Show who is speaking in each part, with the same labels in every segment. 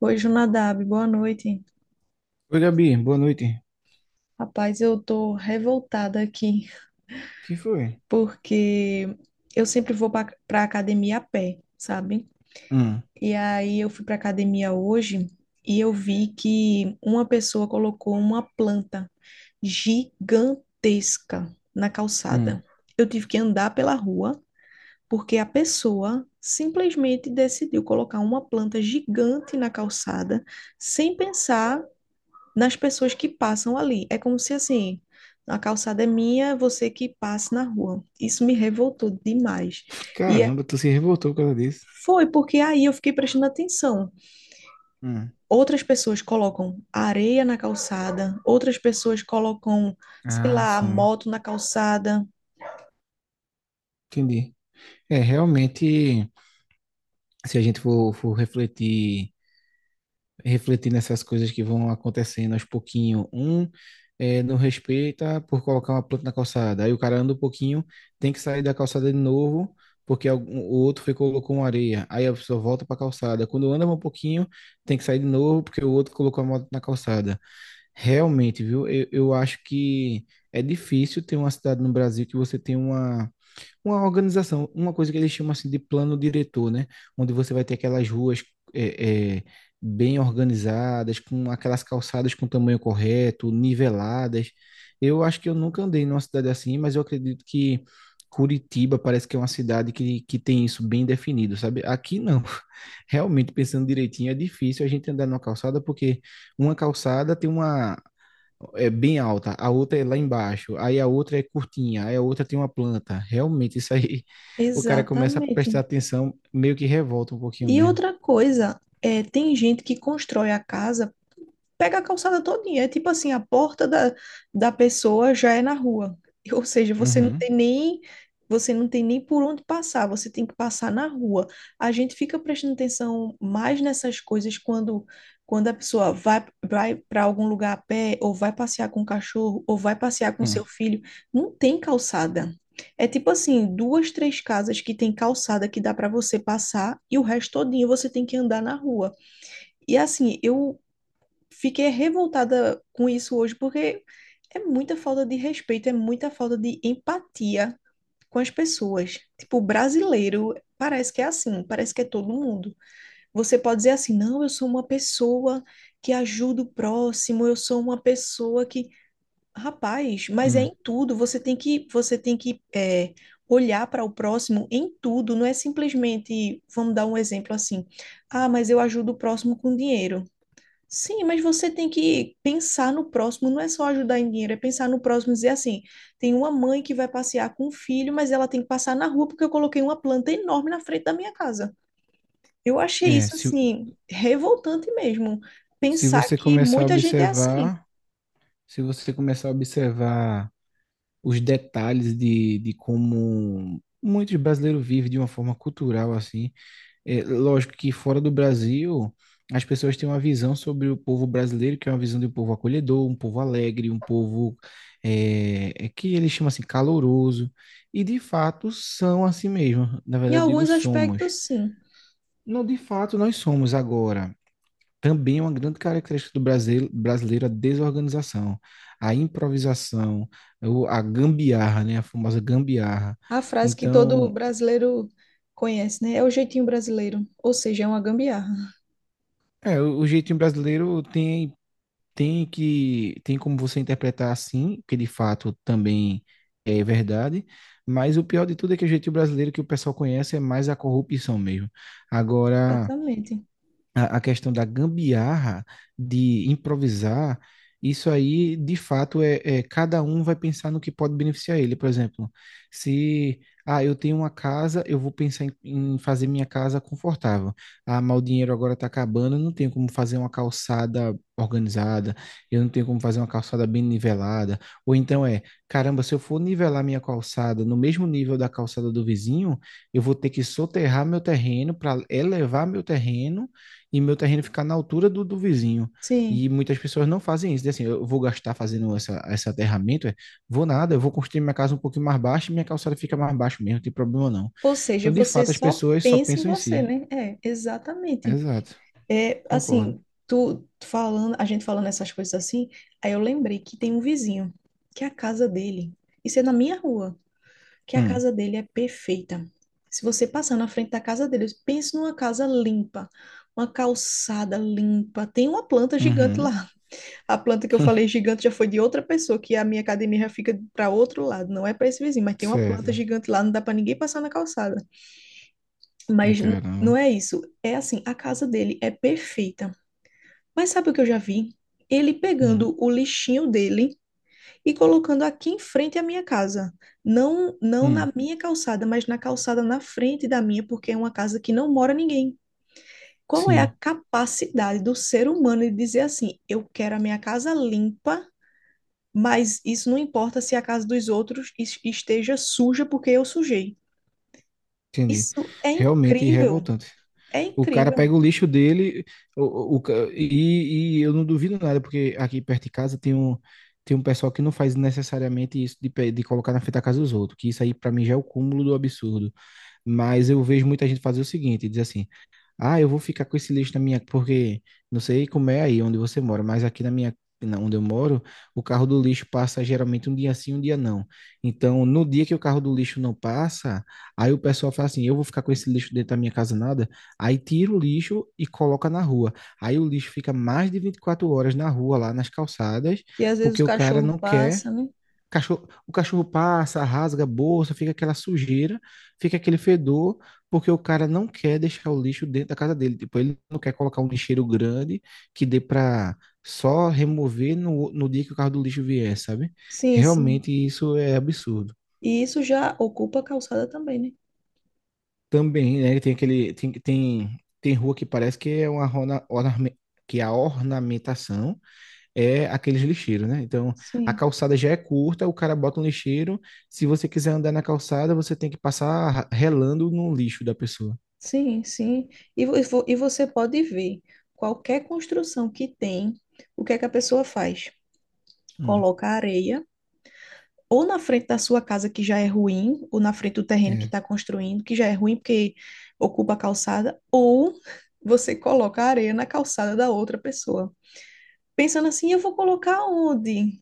Speaker 1: Oi, Junadab, boa noite.
Speaker 2: Oi, Gabi, boa noite.
Speaker 1: Rapaz, eu tô revoltada aqui
Speaker 2: Que foi?
Speaker 1: porque eu sempre vou pra academia a pé, sabe?
Speaker 2: Hum,
Speaker 1: E aí eu fui pra academia hoje e eu vi que uma pessoa colocou uma planta gigantesca na
Speaker 2: hum.
Speaker 1: calçada. Eu tive que andar pela rua porque a pessoa simplesmente decidiu colocar uma planta gigante na calçada sem pensar nas pessoas que passam ali. É como se assim, a calçada é minha, você que passe na rua. Isso me revoltou demais. E é-
Speaker 2: Caramba, tu se revoltou por causa disso.
Speaker 1: Foi porque aí eu fiquei prestando atenção.
Speaker 2: Hum.
Speaker 1: Outras pessoas colocam areia na calçada, outras pessoas colocam, sei
Speaker 2: Ah,
Speaker 1: lá,
Speaker 2: sim.
Speaker 1: moto na calçada.
Speaker 2: Entendi. É, realmente, se a gente for refletir nessas coisas que vão acontecendo aos pouquinho, não respeita por colocar uma planta na calçada. Aí o cara anda um pouquinho, tem que sair da calçada de novo, porque o outro foi e colocou uma areia. Aí a pessoa volta para a calçada. Quando anda um pouquinho, tem que sair de novo, porque o outro colocou a moto na calçada. Realmente, viu? Eu acho que é difícil ter uma cidade no Brasil que você tem uma organização, uma coisa que eles chamam assim de plano diretor, né? Onde você vai ter aquelas ruas é, é, bem organizadas, com aquelas calçadas com tamanho correto, niveladas. Eu acho que eu nunca andei numa cidade assim, mas eu acredito que Curitiba parece que é uma cidade que tem isso bem definido, sabe? Aqui não. Realmente, pensando direitinho, é difícil a gente andar numa calçada porque uma calçada tem uma é bem alta, a outra é lá embaixo, aí a outra é curtinha, aí a outra tem uma planta. Realmente, isso aí o cara começa a
Speaker 1: Exatamente.
Speaker 2: prestar atenção, meio que revolta um pouquinho
Speaker 1: E
Speaker 2: mesmo.
Speaker 1: outra coisa, é, tem gente que constrói a casa pega a calçada todinha. É tipo assim, a porta da, da pessoa já é na rua. Ou seja,
Speaker 2: Uhum.
Speaker 1: você não tem nem por onde passar, você tem que passar na rua. A gente fica prestando atenção mais nessas coisas quando a pessoa vai para algum lugar a pé ou vai passear com o cachorro ou vai passear com
Speaker 2: Hum,
Speaker 1: seu filho, não tem calçada. É tipo assim, duas, três casas que tem calçada que dá para você passar e o resto todinho você tem que andar na rua. E assim, eu fiquei revoltada com isso hoje, porque é muita falta de respeito, é muita falta de empatia com as pessoas. Tipo, brasileiro parece que é assim, parece que é todo mundo. Você pode dizer assim, não, eu sou uma pessoa que ajuda o próximo, eu sou uma pessoa que. Rapaz, mas é
Speaker 2: hum.
Speaker 1: em tudo, você tem que é, olhar para o próximo em tudo, não é simplesmente, vamos dar um exemplo assim, ah, mas eu ajudo o próximo com dinheiro. Sim, mas você tem que pensar no próximo, não é só ajudar em dinheiro, é pensar no próximo e dizer assim: tem uma mãe que vai passear com o filho, mas ela tem que passar na rua porque eu coloquei uma planta enorme na frente da minha casa. Eu achei
Speaker 2: É,
Speaker 1: isso
Speaker 2: se,
Speaker 1: assim revoltante mesmo.
Speaker 2: se
Speaker 1: Pensar
Speaker 2: você
Speaker 1: que
Speaker 2: começar a
Speaker 1: muita gente é assim.
Speaker 2: observar, se você começar a observar os detalhes de como muitos brasileiros vivem de uma forma cultural assim. É, lógico que fora do Brasil, as pessoas têm uma visão sobre o povo brasileiro, que é uma visão de um povo acolhedor, um povo alegre, um povo é que eles chamam assim caloroso. E de fato são assim mesmo. Na
Speaker 1: Em
Speaker 2: verdade, eu digo
Speaker 1: alguns
Speaker 2: somos.
Speaker 1: aspectos, sim.
Speaker 2: Não, de fato, nós somos agora. Também é uma grande característica do Brasil, brasileiro a desorganização, a improvisação, a gambiarra, né? A famosa gambiarra.
Speaker 1: A frase que todo
Speaker 2: Então,
Speaker 1: brasileiro conhece, né? É o jeitinho brasileiro, ou seja, é uma gambiarra.
Speaker 2: o jeitinho brasileiro tem que tem como você interpretar assim, que de fato também é verdade, mas o pior de tudo é que o jeitinho brasileiro que o pessoal conhece é mais a corrupção mesmo. Agora,
Speaker 1: Exatamente.
Speaker 2: a questão da gambiarra, de improvisar, isso aí, de fato, é cada um vai pensar no que pode beneficiar ele. Por exemplo, se eu tenho uma casa, eu vou pensar em fazer minha casa confortável. Ah, mas o dinheiro agora está acabando, eu não tenho como fazer uma calçada organizada, eu não tenho como fazer uma calçada bem nivelada. Ou então caramba, se eu for nivelar minha calçada no mesmo nível da calçada do vizinho, eu vou ter que soterrar meu terreno para elevar meu terreno e meu terreno ficar na altura do vizinho. E
Speaker 1: Sim.
Speaker 2: muitas pessoas não fazem isso. Dizem assim, eu vou gastar fazendo esse aterramento, vou nada, eu vou construir minha casa um pouquinho mais baixa e minha calçada fica mais baixa mesmo, não tem problema não.
Speaker 1: Ou seja,
Speaker 2: Então, de
Speaker 1: você
Speaker 2: fato, as
Speaker 1: só
Speaker 2: pessoas só
Speaker 1: pensa em
Speaker 2: pensam em
Speaker 1: você,
Speaker 2: si.
Speaker 1: né? É, exatamente.
Speaker 2: Exato,
Speaker 1: É,
Speaker 2: concordo.
Speaker 1: assim, tu falando, a gente falando essas coisas assim, aí eu lembrei que tem um vizinho, que a casa dele, isso é na minha rua, que a
Speaker 2: Hum,
Speaker 1: casa dele é perfeita. Se você passar na frente da casa dele, pense numa casa limpa, uma calçada limpa, tem uma planta gigante
Speaker 2: uhum,
Speaker 1: lá. A planta que eu falei gigante já foi de outra pessoa, que a minha academia já fica para outro lado, não é para esse vizinho, mas tem uma planta
Speaker 2: certo.
Speaker 1: gigante lá, não dá para ninguém passar na calçada.
Speaker 2: E
Speaker 1: Mas n-
Speaker 2: caramba.
Speaker 1: não é isso, é assim, a casa dele é perfeita. Mas sabe o que eu já vi? Ele
Speaker 2: Hum,
Speaker 1: pegando o lixinho dele e colocando aqui em frente à minha casa. Não, não
Speaker 2: hum,
Speaker 1: na minha calçada, mas na calçada na frente da minha, porque é uma casa que não mora ninguém. Qual é a
Speaker 2: sim,
Speaker 1: capacidade do ser humano de dizer assim: eu quero a minha casa limpa, mas isso não importa se a casa dos outros esteja suja porque eu sujei.
Speaker 2: entendi.
Speaker 1: Isso é
Speaker 2: Realmente
Speaker 1: incrível,
Speaker 2: revoltante.
Speaker 1: é
Speaker 2: O cara
Speaker 1: incrível.
Speaker 2: pega o lixo dele, e eu não duvido nada, porque aqui perto de casa tem um pessoal que não faz necessariamente isso de colocar na frente da casa dos outros, que isso aí pra mim já é o cúmulo do absurdo. Mas eu vejo muita gente fazer o seguinte, diz assim, eu vou ficar com esse lixo na minha, porque não sei como é aí onde você mora, mas aqui onde eu moro, o carro do lixo passa geralmente um dia sim, um dia não. Então, no dia que o carro do lixo não passa, aí o pessoal fala assim: eu vou ficar com esse lixo dentro da minha casa nada. Aí tira o lixo e coloca na rua. Aí o lixo fica mais de 24 horas na rua, lá nas calçadas,
Speaker 1: E às vezes
Speaker 2: porque
Speaker 1: o
Speaker 2: o cara
Speaker 1: cachorro
Speaker 2: não quer.
Speaker 1: passa, né?
Speaker 2: Cachorro, o cachorro passa, rasga a bolsa, fica aquela sujeira, fica aquele fedor, porque o cara não quer deixar o lixo dentro da casa dele. Tipo, ele não quer colocar um lixeiro grande que dê para só remover no dia que o carro do lixo vier, sabe?
Speaker 1: Sim, sim.
Speaker 2: Realmente isso é absurdo.
Speaker 1: E isso já ocupa a calçada também, né?
Speaker 2: Também, né? Tem aquele. Tem rua que parece que é que é a ornamentação é aqueles lixeiros, né? Então, a
Speaker 1: Sim,
Speaker 2: calçada já é curta, o cara bota um lixeiro. Se você quiser andar na calçada, você tem que passar relando no lixo da pessoa.
Speaker 1: sim, sim. E, você pode ver qualquer construção que tem, o que é que a pessoa faz?
Speaker 2: Hum.
Speaker 1: Coloca areia ou na frente da sua casa que já é ruim, ou na frente do terreno que
Speaker 2: É.
Speaker 1: está construindo, que já é ruim porque ocupa a calçada, ou você coloca areia na calçada da outra pessoa. Pensando assim, eu vou colocar onde?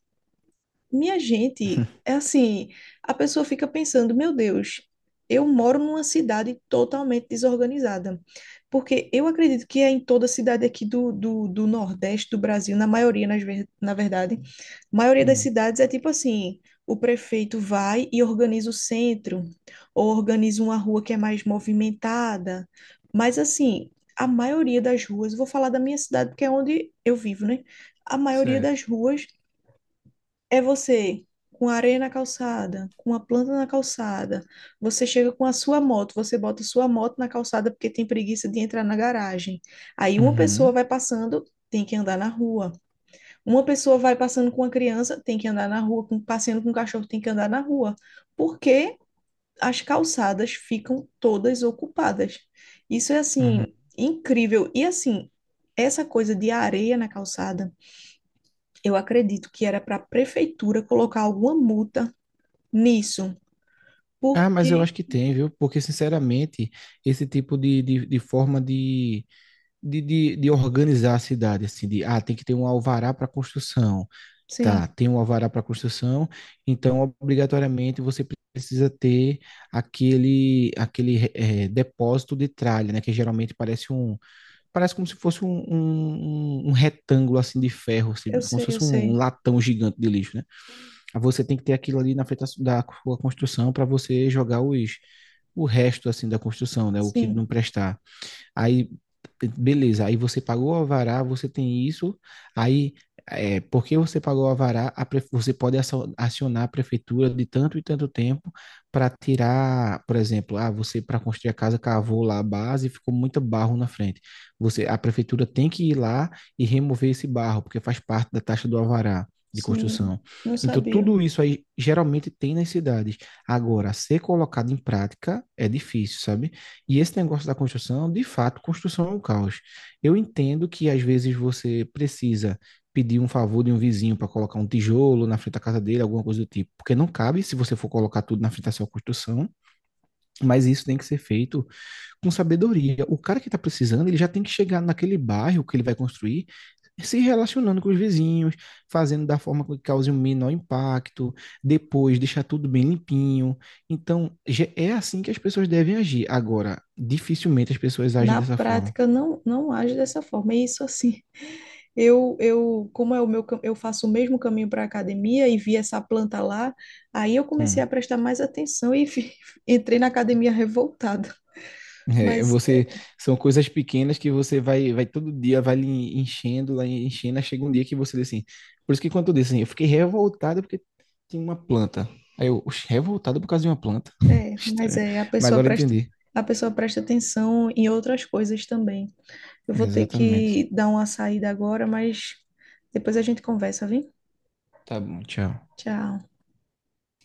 Speaker 1: Minha gente, é assim, a pessoa fica pensando, meu Deus, eu moro numa cidade totalmente desorganizada. Porque eu acredito que é em toda cidade aqui do Nordeste do Brasil, na maioria, na verdade, a maioria das
Speaker 2: Hum,
Speaker 1: cidades é tipo assim, o prefeito vai e organiza o centro, ou organiza uma rua que é mais movimentada. Mas assim, a maioria das ruas, vou falar da minha cidade, porque é onde eu vivo, né? A maioria
Speaker 2: certo.
Speaker 1: das ruas é você com areia na calçada, com a planta na calçada. Você chega com a sua moto, você bota sua moto na calçada porque tem preguiça de entrar na garagem. Aí uma
Speaker 2: Uhum,
Speaker 1: pessoa vai passando, tem que andar na rua. Uma pessoa vai passando com a criança, tem que andar na rua. Com, passeando com o cachorro, tem que andar na rua. Porque as calçadas ficam todas ocupadas. Isso é
Speaker 2: uhum.
Speaker 1: assim, incrível. E assim, essa coisa de areia na calçada, eu acredito que era para a prefeitura colocar alguma multa nisso.
Speaker 2: Ah, mas eu acho
Speaker 1: Porque,
Speaker 2: que tem, viu? Porque, sinceramente, esse tipo de forma de organizar a cidade, assim, tem que ter um alvará para construção.
Speaker 1: sim,
Speaker 2: Tá, tem um alvará para construção, então obrigatoriamente você precisa ter aquele depósito de tralha, né? Que geralmente parece como se fosse um retângulo assim de ferro, assim,
Speaker 1: eu
Speaker 2: como
Speaker 1: sei,
Speaker 2: se
Speaker 1: eu
Speaker 2: fosse um
Speaker 1: sei.
Speaker 2: latão gigante de lixo, né? Aí você tem que ter aquilo ali na frente da sua construção para você jogar os o resto assim da construção, né? O que não
Speaker 1: Sim,
Speaker 2: prestar. Aí, beleza, aí você pagou o alvará, você tem isso, aí porque você pagou o alvará, você pode acionar a prefeitura de tanto e tanto tempo para tirar, por exemplo, você para construir a casa cavou lá a base e ficou muito barro na frente. A prefeitura tem que ir lá e remover esse barro, porque faz parte da taxa do alvará de
Speaker 1: sim,
Speaker 2: construção.
Speaker 1: não
Speaker 2: Então,
Speaker 1: sabia.
Speaker 2: tudo isso aí geralmente tem nas cidades. Agora, ser colocado em prática é difícil, sabe? E esse negócio da construção, de fato, construção é um caos. Eu entendo que às vezes você precisa pedir um favor de um vizinho para colocar um tijolo na frente da casa dele, alguma coisa do tipo, porque não cabe se você for colocar tudo na frente da sua construção, mas isso tem que ser feito com sabedoria. O cara que está precisando, ele já tem que chegar naquele bairro que ele vai construir se relacionando com os vizinhos, fazendo da forma que cause o menor impacto, depois deixar tudo bem limpinho. Então, é assim que as pessoas devem agir. Agora, dificilmente as pessoas agem
Speaker 1: Na
Speaker 2: dessa forma.
Speaker 1: prática, não, não age dessa forma. E isso assim, eu, como é o meu, eu faço o mesmo caminho para a academia e vi essa planta lá, aí eu comecei
Speaker 2: Hum.
Speaker 1: a prestar mais atenção e entrei na academia revoltada.
Speaker 2: É,
Speaker 1: Mas
Speaker 2: são coisas pequenas que você vai todo dia, vai lhe enchendo, lá enchendo, aí chega um dia que você diz assim. Por isso que quando eu disse assim, eu fiquei revoltado porque tinha uma planta. Aí eu, "Oxe, revoltado por causa de uma planta?
Speaker 1: é, mas
Speaker 2: Estranho.
Speaker 1: é, a
Speaker 2: Mas
Speaker 1: pessoa
Speaker 2: agora eu
Speaker 1: presta,
Speaker 2: entendi.
Speaker 1: a pessoa presta atenção em outras coisas também. Eu vou ter
Speaker 2: Exatamente.
Speaker 1: que dar uma saída agora, mas depois a gente conversa, viu?
Speaker 2: Tá bom, tchau.
Speaker 1: Tchau.